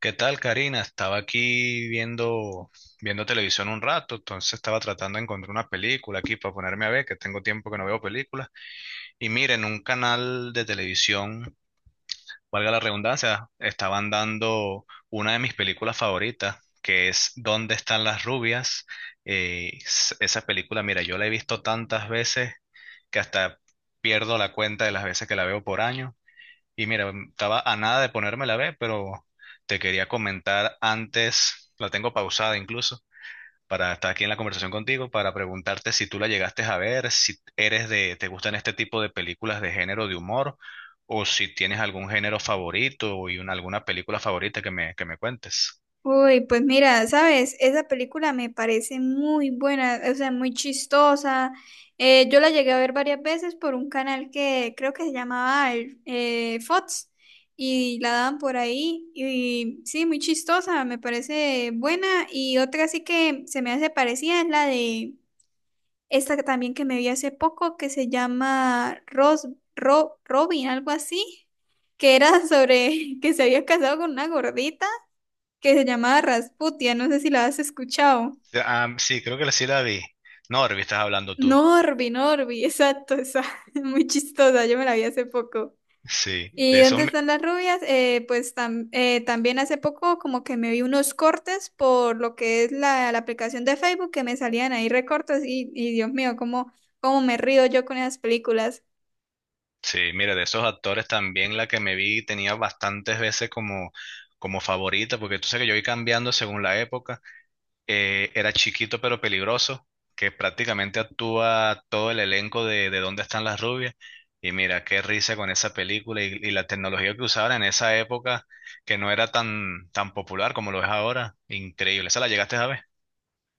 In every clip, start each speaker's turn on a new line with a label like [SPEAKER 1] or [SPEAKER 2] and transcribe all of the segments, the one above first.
[SPEAKER 1] ¿Qué tal, Karina? Estaba aquí viendo televisión un rato, entonces estaba tratando de encontrar una película aquí para ponerme a ver, que tengo tiempo que no veo películas. Y miren, un canal de televisión, valga la redundancia, estaban dando una de mis películas favoritas, que es ¿Dónde están las rubias? Esa película, mira, yo la he visto tantas veces que hasta pierdo la cuenta de las veces que la veo por año. Y mira, estaba a nada de ponerme la B, pero te quería comentar antes, la tengo pausada incluso, para estar aquí en la conversación contigo, para preguntarte si tú la llegaste a ver, si eres de, te gustan este tipo de películas de género de humor, o si tienes algún género favorito y alguna película favorita que me cuentes.
[SPEAKER 2] Uy, pues mira, sabes, esa película me parece muy buena, o sea, muy chistosa. Yo la llegué a ver varias veces por un canal que creo que se llamaba Fox y la daban por ahí. Y sí, muy chistosa, me parece buena. Y otra sí que se me hace parecida es la de esta que también que me vi hace poco que se llama Robin, algo así, que era sobre que se había casado con una gordita que se llamaba Rasputia, no sé si la has escuchado.
[SPEAKER 1] Ah, sí, creo que sí la vi. Norby, estás hablando tú.
[SPEAKER 2] Norby, exacto, esa, muy chistosa, yo me la vi hace poco.
[SPEAKER 1] Sí, de
[SPEAKER 2] ¿Y
[SPEAKER 1] eso.
[SPEAKER 2] dónde están las rubias? También hace poco como que me vi unos cortes por lo que es la aplicación de Facebook que me salían ahí recortes y Dios mío, cómo me río yo con esas películas.
[SPEAKER 1] Sí, mira, de esos actores también la que me vi tenía bastantes veces como favorita, porque tú sabes que yo voy cambiando según la época. Era chiquito pero peligroso, que prácticamente actúa todo el elenco de Dónde están las rubias. Y mira, qué risa con esa película y la tecnología que usaban en esa época, que no era tan popular como lo es ahora. Increíble. ¿Esa la llegaste a ver?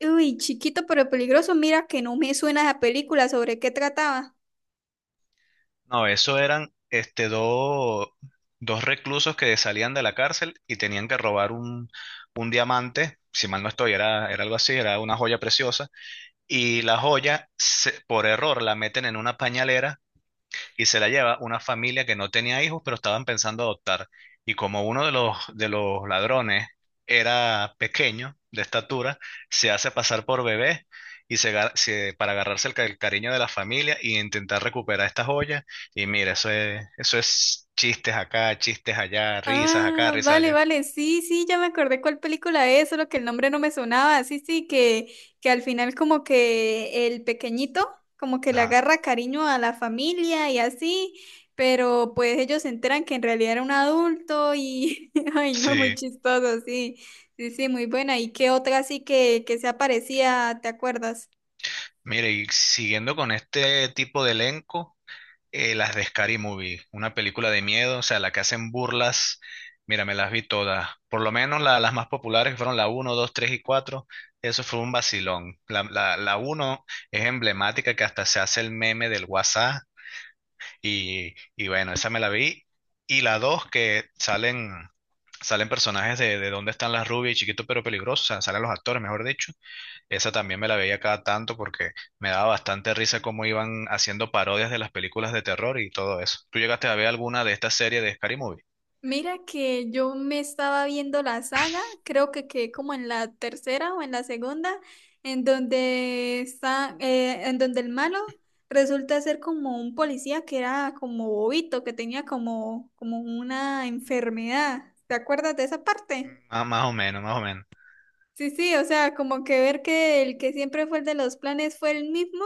[SPEAKER 2] Uy, chiquito pero peligroso, mira que no me suena esa película, ¿sobre qué trataba?
[SPEAKER 1] No, eso eran dos reclusos que salían de la cárcel y tenían que robar un diamante, si mal no estoy, era algo así, era una joya preciosa, y la joya, por error, la meten en una pañalera y se la lleva una familia que no tenía hijos, pero estaban pensando adoptar. Y como uno de los ladrones era pequeño, de estatura, se hace pasar por bebé y para agarrarse el cariño de la familia y intentar recuperar estas joyas. Y mira, eso es chistes acá, chistes allá, risas acá,
[SPEAKER 2] Ah,
[SPEAKER 1] risas
[SPEAKER 2] vale,
[SPEAKER 1] allá.
[SPEAKER 2] vale, sí, sí, ya me acordé cuál película es, solo que el nombre no me sonaba, sí, sí, que al final como que el pequeñito como que le
[SPEAKER 1] Ajá.
[SPEAKER 2] agarra cariño a la familia y así, pero pues ellos se enteran que en realidad era un adulto y, ay, no, muy
[SPEAKER 1] Sí.
[SPEAKER 2] chistoso, sí, sí, sí, muy buena. ¿Y qué otra así que se aparecía, te acuerdas?
[SPEAKER 1] Mire, y siguiendo con este tipo de elenco. Las de Scary Movie, una película de miedo, o sea, la que hacen burlas. Mira, me las vi todas. Por lo menos las más populares que fueron la uno 2 3 y cuatro. Eso fue un vacilón. La uno es emblemática que hasta se hace el meme del WhatsApp. Y bueno, esa me la vi. Y la dos, que salen personajes de Dónde están las rubias y Chiquito pero peligroso, o sea, salen los actores, mejor dicho. Esa también me la veía cada tanto porque me daba bastante risa cómo iban haciendo parodias de las películas de terror y todo eso. ¿Tú llegaste a ver alguna de estas series de Scary Movie?
[SPEAKER 2] Mira que yo me estaba viendo la saga, creo que quedé como en la tercera o en la segunda, en donde el malo resulta ser como un policía que era como bobito, que tenía como, como una enfermedad. ¿Te acuerdas de esa parte?
[SPEAKER 1] Ah, más o menos, más o menos.
[SPEAKER 2] Sí, sí, o sea, como que ver que el que siempre fue el de los planes fue el mismo,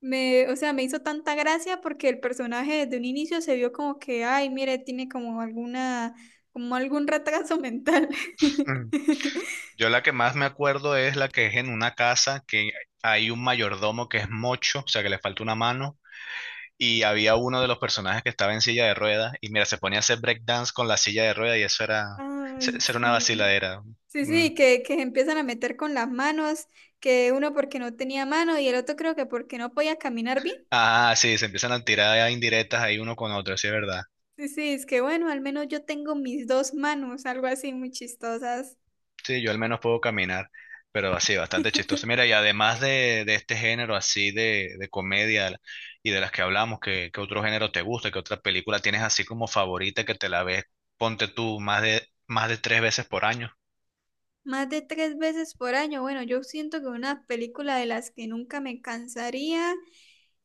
[SPEAKER 2] me, o sea, me hizo tanta gracia porque el personaje desde un inicio se vio como que, ay, mire, tiene como alguna, como algún retraso mental.
[SPEAKER 1] Mm. Yo la que más me acuerdo es la que es en una casa que hay un mayordomo que es mocho, o sea que le falta una mano, y había uno de los personajes que estaba en silla de ruedas, y mira, se ponía a hacer breakdance con la silla de ruedas y eso era,
[SPEAKER 2] Ay,
[SPEAKER 1] eso era una
[SPEAKER 2] sí.
[SPEAKER 1] vaciladera.
[SPEAKER 2] Sí,
[SPEAKER 1] Mm.
[SPEAKER 2] sí, que se empiezan a meter con las manos, que uno porque no tenía mano y el otro creo que porque no podía caminar bien.
[SPEAKER 1] Ah, sí, se empiezan a tirar indirectas ahí uno con otro, sí es verdad.
[SPEAKER 2] Sí, sí, es que bueno, al menos yo tengo mis dos manos, algo así muy chistosas.
[SPEAKER 1] Sí, yo al menos puedo caminar, pero así, bastante chistoso. Mira, y además de este género así de comedia y de las que hablamos, ¿qué, qué otro género te gusta? ¿Qué otra película tienes así como favorita que te la ves, ponte tú, más de tres veces por año?
[SPEAKER 2] Más de tres veces por año. Bueno, yo siento que una película de las que nunca me cansaría.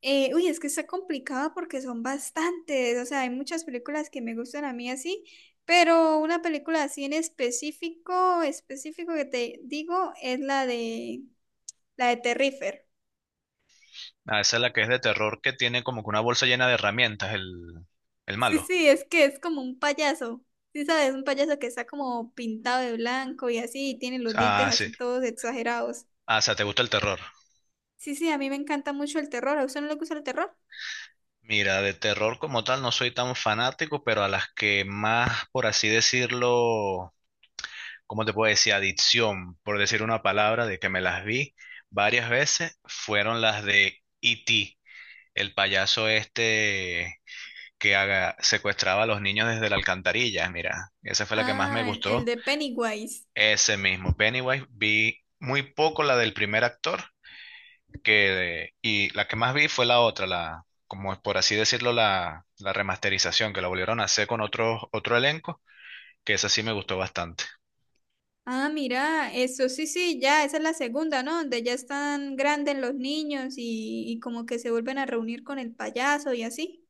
[SPEAKER 2] Es que está complicado porque son bastantes. O sea, hay muchas películas que me gustan a mí así, pero una película así en específico, específico que te digo, es la de Terrifier.
[SPEAKER 1] Ah, esa es la que es de terror, que tiene como que una bolsa llena de herramientas, el
[SPEAKER 2] Sí,
[SPEAKER 1] malo.
[SPEAKER 2] sí, es que es como un payaso. Sí, sabes, un payaso que está como pintado de blanco y así, y tiene los dientes
[SPEAKER 1] Ah,
[SPEAKER 2] así
[SPEAKER 1] sí.
[SPEAKER 2] todos exagerados.
[SPEAKER 1] Ah, o sea, ¿te gusta el terror?
[SPEAKER 2] Sí, sí, a mí me encanta mucho el terror. ¿A usted no le gusta el terror?
[SPEAKER 1] Mira, de terror como tal no soy tan fanático, pero a las que más, por así decirlo, ¿cómo te puedo decir? Adicción, por decir una palabra, de que me las vi varias veces, fueron las de E.T., el payaso este que secuestraba a los niños desde la alcantarilla. Mira, esa fue la que más me
[SPEAKER 2] Ah, el
[SPEAKER 1] gustó.
[SPEAKER 2] de Pennywise.
[SPEAKER 1] Ese mismo, Pennywise, vi muy poco la del primer actor, y la que más vi fue la otra, como es por así decirlo, la remasterización, que la volvieron a hacer con otro elenco, que esa sí me gustó bastante.
[SPEAKER 2] Ah, mira, eso sí, sí, ya, esa es la segunda, ¿no? Donde ya están grandes los niños y como que se vuelven a reunir con el payaso y así.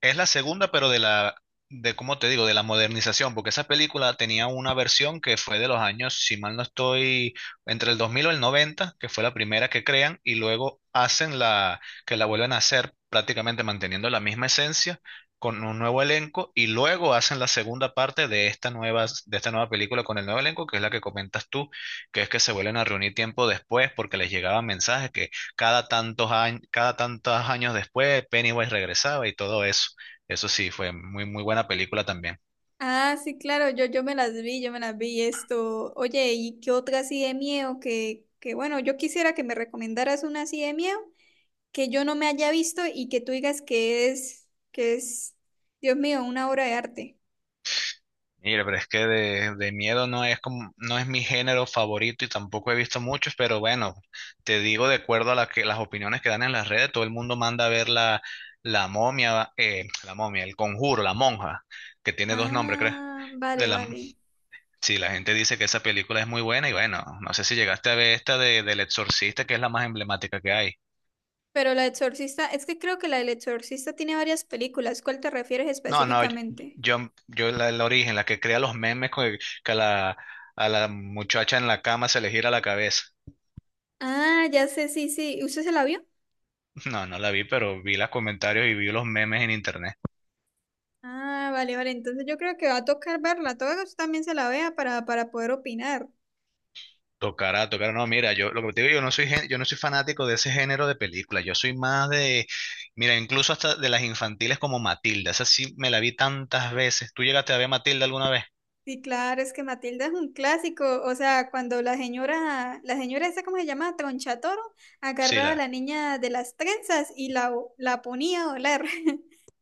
[SPEAKER 1] Es la segunda, pero de cómo te digo, de la modernización, porque esa película tenía una versión que fue de los años, si mal no estoy, entre el 2000 o el 90 que fue la primera que crean, y luego hacen que la vuelven a hacer prácticamente manteniendo la misma esencia, con un nuevo elenco, y luego hacen la segunda parte de esta nueva película con el nuevo elenco, que es la que comentas tú, que es que se vuelven a reunir tiempo después porque les llegaban mensajes que cada tantos años después Pennywise regresaba y todo eso. Eso sí, fue muy, muy buena película también.
[SPEAKER 2] Ah, sí, claro, yo me las vi, yo me las vi esto. Oye, ¿y qué otra así de miedo? Que bueno, yo quisiera que me recomendaras una así de miedo que yo no me haya visto y que tú digas que que es, Dios mío, una obra de arte.
[SPEAKER 1] Mira, pero es que de miedo no es como, no es mi género favorito y tampoco he visto muchos, pero bueno, te digo de acuerdo a las opiniones que dan en las redes, todo el mundo manda a ver la momia, el conjuro, la monja, que tiene dos nombres, ¿crees?
[SPEAKER 2] Ah,
[SPEAKER 1] De
[SPEAKER 2] vale,
[SPEAKER 1] la,
[SPEAKER 2] vale.
[SPEAKER 1] sí, la gente dice que esa película es muy buena y bueno, no sé si llegaste a ver esta del Exorcista, que es la más emblemática que hay.
[SPEAKER 2] Pero La Exorcista, es que creo que la del Exorcista tiene varias películas. ¿Cuál te refieres
[SPEAKER 1] No, no, yo,
[SPEAKER 2] específicamente?
[SPEAKER 1] yo, yo el origen, la que crea los memes con que a a la muchacha en la cama se le gira la cabeza.
[SPEAKER 2] Ah, ya sé, sí, sí. ¿Usted se la vio?
[SPEAKER 1] No, no la vi, pero vi los comentarios y vi los memes en internet.
[SPEAKER 2] Ah, vale, vale. Entonces yo creo que va a tocar verla. Todo que usted también se la vea para poder opinar.
[SPEAKER 1] Tocará, tocará. No, mira, yo lo que te digo, yo no soy fanático de ese género de películas. Yo soy más de, mira, incluso hasta de las infantiles como Matilda. Esa sí me la vi tantas veces. ¿Tú llegaste a ver Matilda alguna vez?
[SPEAKER 2] Sí, claro, es que Matilda es un clásico. O sea, cuando la señora esa, ¿cómo se llama? Tronchatoro,
[SPEAKER 1] Sí,
[SPEAKER 2] agarraba a la niña de las trenzas la ponía a volar.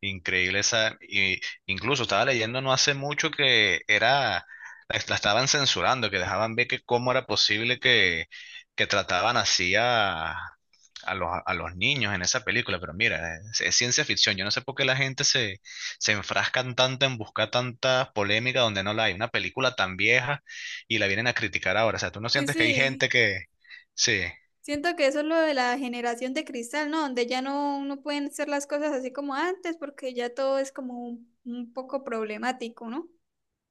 [SPEAKER 1] increíble esa, y incluso estaba leyendo no hace mucho que era, la estaban censurando, que dejaban ver que cómo era posible que trataban así a, a los niños en esa película, pero mira, es ciencia ficción, yo no sé por qué la gente se, se enfrascan tanto en buscar tanta polémica donde no la hay, una película tan vieja y la vienen a criticar ahora, o sea, tú no
[SPEAKER 2] Sí,
[SPEAKER 1] sientes que hay
[SPEAKER 2] sí.
[SPEAKER 1] gente que, sí.
[SPEAKER 2] Siento que eso es lo de la generación de cristal, ¿no? Donde ya no pueden hacer las cosas así como antes, porque ya todo es como un poco problemático, ¿no?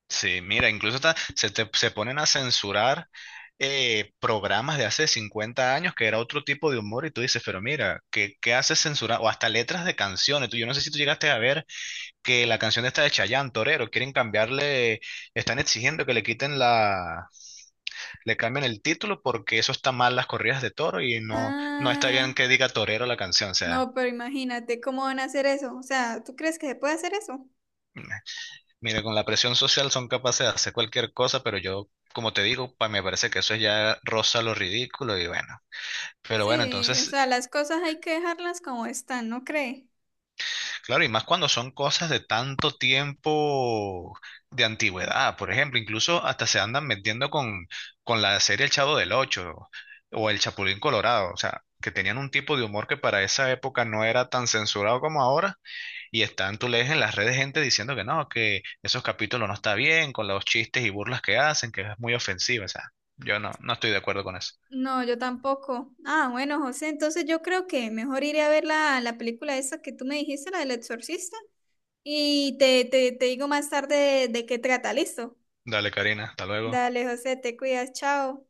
[SPEAKER 1] Sí, mira, incluso se ponen a censurar programas de hace 50 años que era otro tipo de humor y tú dices, pero mira, ¿qué, qué haces censurar? O hasta letras de canciones. Tú, yo no sé si tú llegaste a ver que la canción esta de Chayanne, Torero, quieren cambiarle, están exigiendo que le quiten le cambien el título porque eso está mal las corridas de toro y no, no está
[SPEAKER 2] Ah,
[SPEAKER 1] bien que diga Torero la canción. O sea,
[SPEAKER 2] no, pero imagínate cómo van a hacer eso. O sea, ¿tú crees que se puede hacer eso?
[SPEAKER 1] mira, con la presión social son capaces de hacer cualquier cosa, pero yo, como te digo, pa, me parece que eso ya roza lo ridículo y bueno. Pero bueno,
[SPEAKER 2] Sí, o
[SPEAKER 1] entonces,
[SPEAKER 2] sea, las cosas hay que dejarlas como están, ¿no cree?
[SPEAKER 1] claro, y más cuando son cosas de tanto tiempo de antigüedad, por ejemplo, incluso hasta se andan metiendo con la serie El Chavo del Ocho o El Chapulín Colorado, o sea, que tenían un tipo de humor que para esa época no era tan censurado como ahora, y están, tú lees en las redes gente diciendo que no, que esos capítulos no está bien, con los chistes y burlas que hacen, que es muy ofensivo, o sea, yo no, no estoy de acuerdo con eso.
[SPEAKER 2] No, yo tampoco. Ah, bueno, José, entonces yo creo que mejor iré a ver la película esa que tú me dijiste, la del exorcista, y te digo más tarde de qué trata, ¿listo?
[SPEAKER 1] Dale, Karina, hasta luego.
[SPEAKER 2] Dale, José, te cuidas, chao.